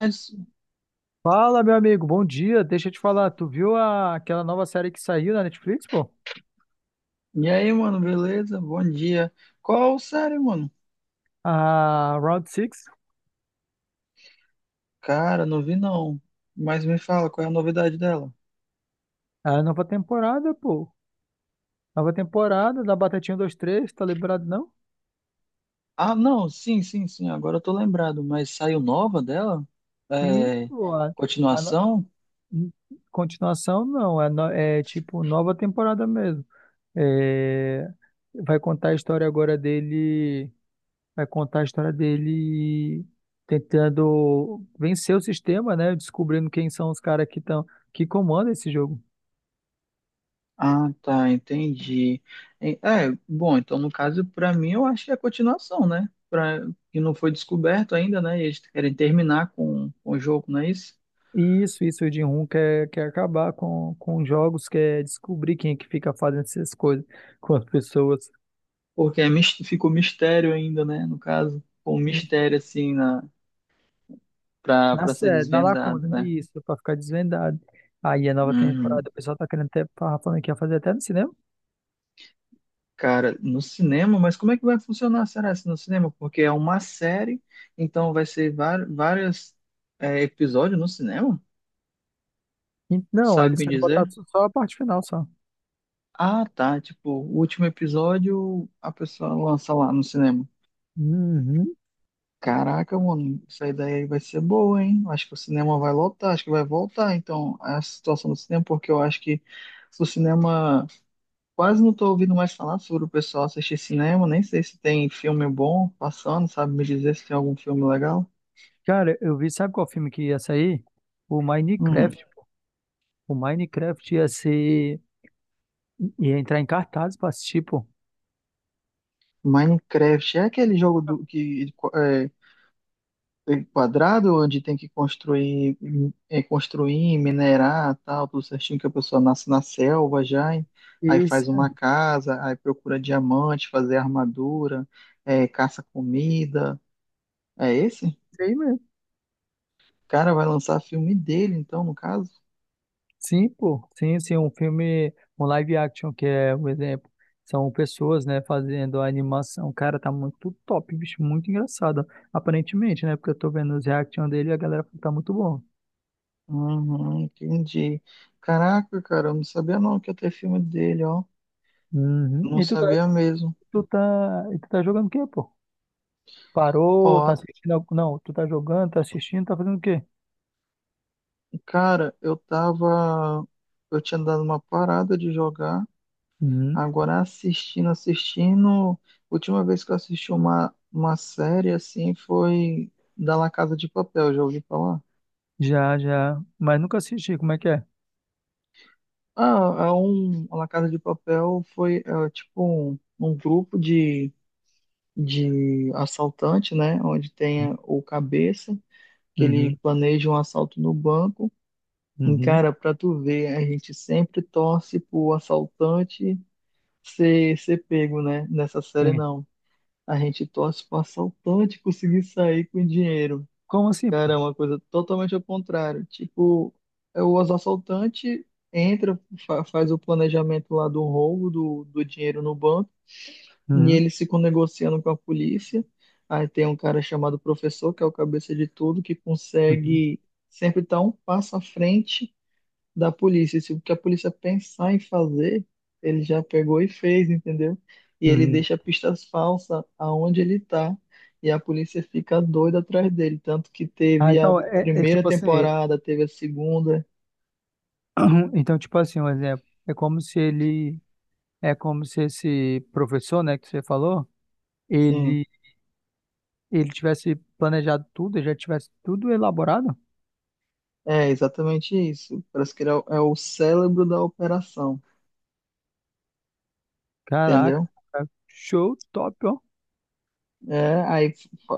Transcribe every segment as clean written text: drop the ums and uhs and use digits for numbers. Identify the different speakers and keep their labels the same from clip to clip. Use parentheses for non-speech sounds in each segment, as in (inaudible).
Speaker 1: Mas,
Speaker 2: Fala, meu amigo, bom dia. Deixa eu te falar, tu viu aquela nova série que saiu na Netflix, pô?
Speaker 1: E aí, mano, beleza? Bom dia. Qual série, mano?
Speaker 2: A Round Six,
Speaker 1: Cara, não vi não. Mas me fala, qual é a novidade dela?
Speaker 2: a nova temporada, pô. Nova temporada da Batatinha 23, tá lembrado, não?
Speaker 1: Ah, não, sim, sim, sim, agora eu tô lembrado. Mas saiu nova dela?
Speaker 2: Sim,
Speaker 1: É,
Speaker 2: pô. A no-
Speaker 1: continuação?
Speaker 2: hum, Continuação, não. É tipo nova temporada mesmo. É, vai contar a história agora dele. Vai contar a história dele tentando vencer o sistema, né? Descobrindo quem são os caras que estão que comandam esse jogo.
Speaker 1: Ah, tá, entendi. Bom, então no caso, pra mim, eu acho que é a continuação, né? Que não foi descoberto ainda, né? E eles querem terminar com o jogo, não é isso?
Speaker 2: Isso, o Jin quer acabar com jogos, quer descobrir quem é que fica fazendo essas coisas com as pessoas
Speaker 1: Porque ficou mistério ainda, né? No caso, com o
Speaker 2: assim,
Speaker 1: mistério, assim, na para
Speaker 2: na
Speaker 1: para ser
Speaker 2: sede, na
Speaker 1: desvendado,
Speaker 2: lacuna.
Speaker 1: né?
Speaker 2: Isso, pra ficar desvendado. Aí a nova temporada,
Speaker 1: Uhum.
Speaker 2: o pessoal tá querendo até, tava falando que ia fazer até no cinema.
Speaker 1: Cara, no cinema, mas como é que vai funcionar, será, se no cinema? Porque é uma série, então vai ser vários episódios no cinema?
Speaker 2: E não,
Speaker 1: Sabe
Speaker 2: eles
Speaker 1: me
Speaker 2: querem botar
Speaker 1: dizer?
Speaker 2: só a parte final, só.
Speaker 1: Ah, tá, tipo, o último episódio a pessoa lança lá no cinema.
Speaker 2: Uhum.
Speaker 1: Caraca, mano, essa ideia aí vai ser boa, hein? Eu acho que o cinema vai lotar, acho que vai voltar, então, a situação do cinema, porque eu acho que o cinema quase não tô ouvindo mais falar sobre o pessoal assistir cinema, nem sei se tem filme bom passando, sabe me dizer se tem algum filme legal?
Speaker 2: Cara, eu vi, sabe qual filme que ia sair? O
Speaker 1: Hum.
Speaker 2: Minecraft. O Minecraft ia entrar em cartaz pra assistir, pô.
Speaker 1: Minecraft é aquele jogo do que é quadrado onde tem que construir, construir, minerar, tal, tudo certinho que a pessoa nasce na selva já, hein? Aí
Speaker 2: Esse,
Speaker 1: faz uma casa, aí procura diamante, fazer armadura, caça comida. É esse?
Speaker 2: esse aí mesmo.
Speaker 1: O cara vai lançar filme dele, então, no caso.
Speaker 2: Sim, pô, sim, sim, um filme, um live action que é o exemplo, são pessoas, né, fazendo a animação, cara, tá muito top, bicho, muito engraçado, aparentemente, né, porque eu tô vendo os reaction dele e a galera tá muito bom.
Speaker 1: Uhum, entendi. Caraca, cara, eu não sabia não que ia ter filme dele, ó.
Speaker 2: Uhum.
Speaker 1: Não sabia mesmo.
Speaker 2: Tu tá, e tu tá jogando o quê, pô? Parou, tá
Speaker 1: Ó,
Speaker 2: assistindo, não, tu tá jogando, tá assistindo, tá fazendo o quê?
Speaker 1: cara, eu tava. Eu tinha dado uma parada de jogar,
Speaker 2: Uhum.
Speaker 1: agora assistindo, assistindo. Última vez que eu assisti uma série assim foi da La Casa de Papel, já ouvi falar?
Speaker 2: Já, já, mas nunca assisti, como é que é?
Speaker 1: Ah, é a La Casa de Papel foi tipo um grupo de assaltante, né? Onde tem
Speaker 2: Uhum,
Speaker 1: o cabeça, que ele
Speaker 2: uhum,
Speaker 1: planeja um assalto no banco. E,
Speaker 2: uhum.
Speaker 1: cara, pra tu ver, a gente sempre torce pro assaltante ser pego, né? Nessa série,
Speaker 2: Sim.
Speaker 1: não. A gente torce pro assaltante conseguir sair com o dinheiro.
Speaker 2: Como assim, pô?
Speaker 1: Cara, é uma coisa totalmente ao contrário. Tipo, é o assaltante entra, faz o planejamento lá do roubo do dinheiro no banco e
Speaker 2: Uhum,
Speaker 1: eles ficam negociando com a polícia. Aí tem um cara chamado professor, que é o cabeça de tudo, que
Speaker 2: uhum,
Speaker 1: consegue sempre estar um passo à frente da polícia. Se o que a polícia pensar em fazer, ele já pegou e fez, entendeu? E ele
Speaker 2: uhum.
Speaker 1: deixa pistas falsas aonde ele está. E a polícia fica doida atrás dele. Tanto que
Speaker 2: Ah,
Speaker 1: teve a
Speaker 2: então, é
Speaker 1: primeira
Speaker 2: tipo assim,
Speaker 1: temporada, teve a segunda.
Speaker 2: (clears throat) então, tipo assim, um exemplo, é como se ele, é como se esse professor, né, que você falou,
Speaker 1: Sim,
Speaker 2: ele, ele tivesse planejado tudo, já tivesse tudo elaborado.
Speaker 1: é exatamente isso. Parece que ele é o cérebro da operação,
Speaker 2: Caraca,
Speaker 1: entendeu?
Speaker 2: show, top, ó.
Speaker 1: É, aí,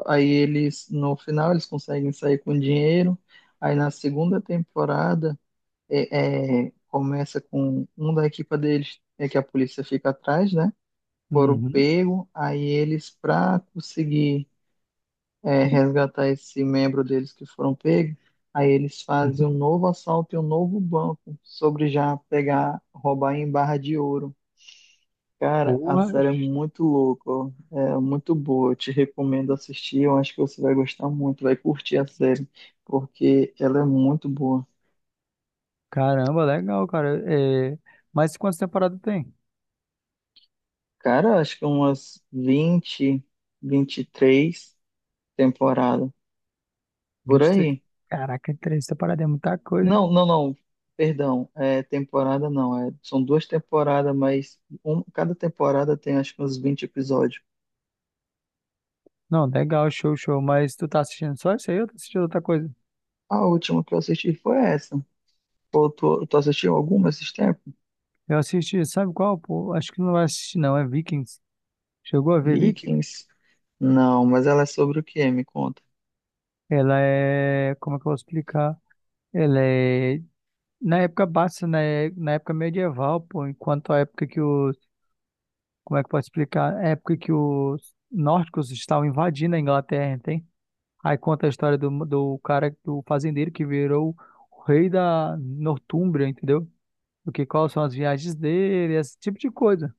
Speaker 1: aí eles, no final, eles conseguem sair com dinheiro. Aí na segunda temporada, começa com um da equipa deles, é que a polícia fica atrás, né? Foram
Speaker 2: Uhum.
Speaker 1: pego, aí eles, para conseguir resgatar esse membro deles que foram pegos, aí eles fazem um
Speaker 2: (laughs)
Speaker 1: novo assalto e um novo banco sobre já pegar, roubar em barra de ouro. Cara, a
Speaker 2: Porra,
Speaker 1: série é muito louca, ó. É muito boa. Eu te recomendo assistir. Eu acho que você vai gostar muito, vai curtir a série, porque ela é muito boa.
Speaker 2: caramba, legal, cara. É, mas quantas temporadas tem?
Speaker 1: Cara, acho que umas 20, 23 temporadas por
Speaker 2: 23.
Speaker 1: aí.
Speaker 2: Caraca, três temporadas é muita coisa, hein?
Speaker 1: Não, não, não. Perdão, é temporada não. É, são duas temporadas, mas cada temporada tem acho que uns 20 episódios.
Speaker 2: Não, legal, show, show. Mas tu tá assistindo só isso aí ou tá assistindo outra coisa?
Speaker 1: A última que eu assisti foi essa. Pô, tu assistiu alguma esses tempos?
Speaker 2: Eu assisti, sabe qual? Pô, acho que não vai assistir, não. É Vikings. Chegou a ver Vikings?
Speaker 1: Vikings. Não, mas ela é sobre o quê? Me conta.
Speaker 2: Ela é, como é que eu vou explicar? Ela é na época baixa, né? Na época medieval, pô, enquanto a época que os, como é que eu posso explicar? A época que os nórdicos estavam invadindo a Inglaterra, entende? Aí conta a história do cara, do fazendeiro que virou o rei da Nortúmbria, entendeu? O que, quais são as viagens dele, esse tipo de coisa.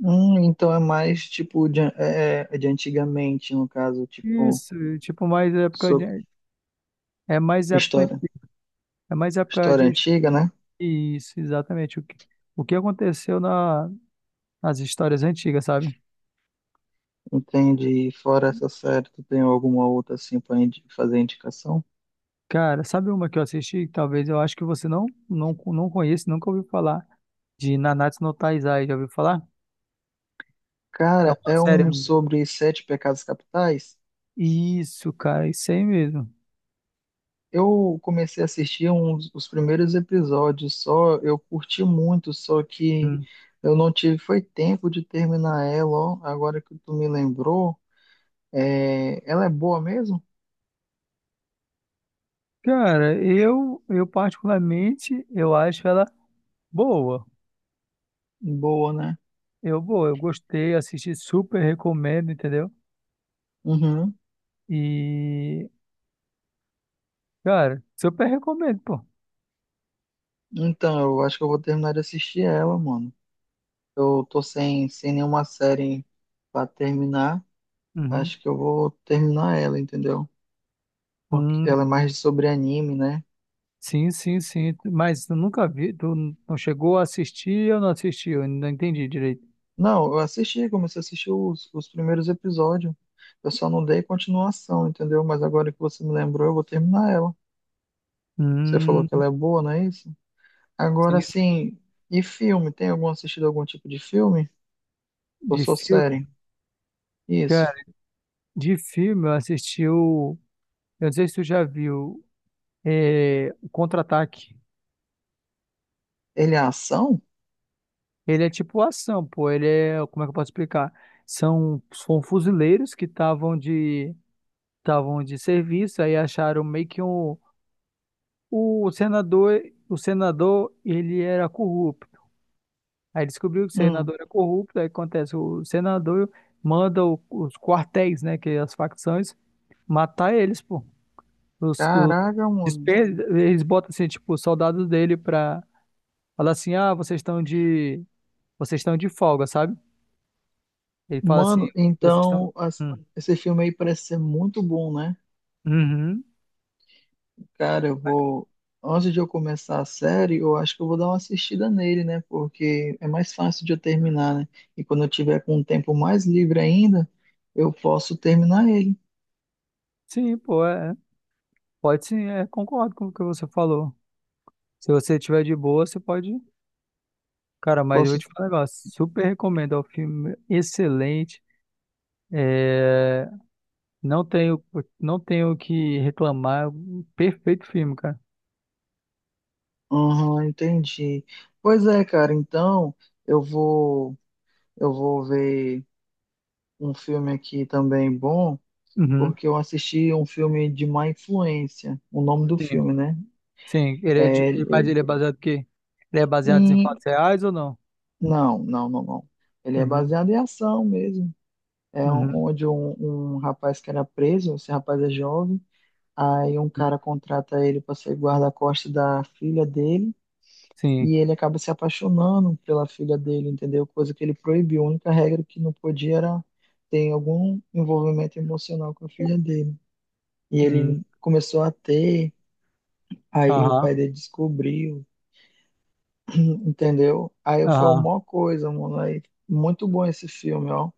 Speaker 1: Então é mais tipo de, de antigamente, no caso, tipo,
Speaker 2: Isso, tipo, mais época
Speaker 1: so,
Speaker 2: de, é mais época
Speaker 1: história,
Speaker 2: antiga, é mais época
Speaker 1: história
Speaker 2: de
Speaker 1: antiga, né?
Speaker 2: isso, exatamente o que aconteceu na as histórias antigas, sabe?
Speaker 1: Entende? E fora essa série, tu tem alguma outra assim pra fazer indicação?
Speaker 2: Cara, sabe uma que eu assisti? Que talvez eu acho que você não, não, não conhece, nunca ouviu falar. De Nanatsu no Taizai, já ouviu falar? É
Speaker 1: Cara,
Speaker 2: uma
Speaker 1: é
Speaker 2: série.
Speaker 1: um sobre sete pecados capitais.
Speaker 2: Isso, cara, isso aí mesmo.
Speaker 1: Eu comecei a assistir os primeiros episódios só, eu curti muito, só que
Speaker 2: Hum.
Speaker 1: eu não tive, foi tempo de terminar ela, ó, agora que tu me lembrou. É, ela é boa mesmo?
Speaker 2: Cara, eu particularmente, eu acho ela boa.
Speaker 1: Boa, né?
Speaker 2: Boa, eu gostei, assisti, super recomendo, entendeu?
Speaker 1: Uhum.
Speaker 2: E, cara, super recomendo, pô.
Speaker 1: Então, eu acho que eu vou terminar de assistir ela, mano. Eu tô sem nenhuma série pra terminar. Acho que eu vou terminar ela, entendeu? Porque
Speaker 2: Uhum.
Speaker 1: ela é mais sobre anime, né?
Speaker 2: Sim, sim, sim. Mas eu nunca vi. Tu não chegou a assistir ou não assistiu? Eu não entendi direito.
Speaker 1: Não, eu assisti, comecei a assistir os primeiros episódios. Eu só não dei continuação, entendeu? Mas agora que você me lembrou, eu vou terminar ela. Você falou
Speaker 2: Hum,
Speaker 1: que ela é boa, não é isso?
Speaker 2: sim,
Speaker 1: Agora
Speaker 2: sim.
Speaker 1: sim, e filme? Tem algum assistido algum tipo de filme? Ou
Speaker 2: De
Speaker 1: só
Speaker 2: filme,
Speaker 1: série? Isso.
Speaker 2: cara, de filme eu assisti o. Eu não sei se tu já viu. É, o Contra-Ataque.
Speaker 1: Ele é ação?
Speaker 2: Ele é tipo ação, pô. Ele é. Como é que eu posso explicar? São fuzileiros que estavam de. Estavam de serviço, aí acharam meio que um. O senador. O senador, ele era corrupto. Aí descobriu que o
Speaker 1: Hum,
Speaker 2: senador é corrupto, aí acontece, o senador manda os quartéis, né, que é as facções, matar eles, pô. Os, os,
Speaker 1: caraca,
Speaker 2: despe-
Speaker 1: mano.
Speaker 2: Eles botam, assim, tipo, os soldados dele pra falar assim, ah, vocês estão de folga, sabe? Ele fala assim,
Speaker 1: Mano,
Speaker 2: vocês estão...
Speaker 1: então
Speaker 2: Hum,
Speaker 1: esse filme aí parece ser muito bom, né?
Speaker 2: uhum.
Speaker 1: Cara, eu vou. Antes de eu começar a série, eu acho que eu vou dar uma assistida nele, né? Porque é mais fácil de eu terminar, né? E quando eu tiver com um tempo mais livre ainda, eu posso terminar ele.
Speaker 2: Sim, pô, é. Pode sim, é, concordo com o que você falou. Se você tiver de boa, você pode... Cara, mas eu vou
Speaker 1: Posso.
Speaker 2: te falar um negócio, super recomendo, é um filme excelente, é... Não tenho, não tenho o que reclamar. Um perfeito filme, cara.
Speaker 1: Aham, entendi. Pois é, cara, então eu vou. Eu vou ver um filme aqui também bom.
Speaker 2: Uhum.
Speaker 1: Porque eu assisti um filme de má influência. O nome do
Speaker 2: Sim,
Speaker 1: filme, né?
Speaker 2: sim. Ele é de,
Speaker 1: É,
Speaker 2: ele-
Speaker 1: é-
Speaker 2: Mas ele é baseado em quê? Ele é baseado em
Speaker 1: e-
Speaker 2: fatos reais ou não?
Speaker 1: não, não, não, não. Ele é
Speaker 2: Uhum.
Speaker 1: baseado em ação mesmo.
Speaker 2: Uhum.
Speaker 1: Onde um rapaz que era preso, esse rapaz é jovem, aí um
Speaker 2: Uhum.
Speaker 1: cara contrata ele para ser guarda-costas da filha dele.
Speaker 2: Sim.
Speaker 1: E ele acaba se apaixonando pela filha dele, entendeu? Coisa que ele proibiu. A única regra que não podia era ter algum envolvimento emocional com a filha dele. E
Speaker 2: Hum.
Speaker 1: ele começou a ter. Aí o pai
Speaker 2: Aham.
Speaker 1: dele descobriu, entendeu? Aí foi
Speaker 2: Aham.
Speaker 1: uma coisa, mano. Aí, muito bom esse filme, ó.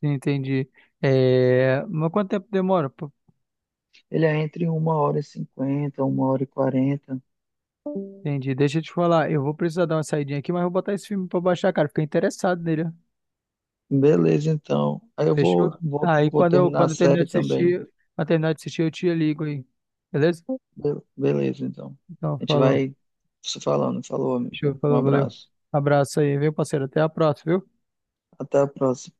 Speaker 2: Sim, entendi. É, mas quanto tempo demora, pô?
Speaker 1: Ele é entre 1h50, 1h40.
Speaker 2: Entendi. Deixa eu te falar. Eu vou precisar dar uma saidinha aqui, mas vou botar esse filme pra baixar, cara. Fiquei interessado nele, ó.
Speaker 1: Beleza, então. Aí eu vou,
Speaker 2: Fechou?
Speaker 1: vou,
Speaker 2: Aí
Speaker 1: vou
Speaker 2: quando eu,
Speaker 1: terminar a
Speaker 2: quando eu terminar
Speaker 1: série
Speaker 2: de
Speaker 1: também.
Speaker 2: assistir, eu te ligo aí. Beleza?
Speaker 1: Beleza, então.
Speaker 2: Então,
Speaker 1: A gente
Speaker 2: falou.
Speaker 1: vai se falando. Falou, amigo.
Speaker 2: Show,
Speaker 1: Um
Speaker 2: falou, valeu.
Speaker 1: abraço.
Speaker 2: Abraço aí, viu, parceiro? Até a próxima, viu?
Speaker 1: Até a próxima.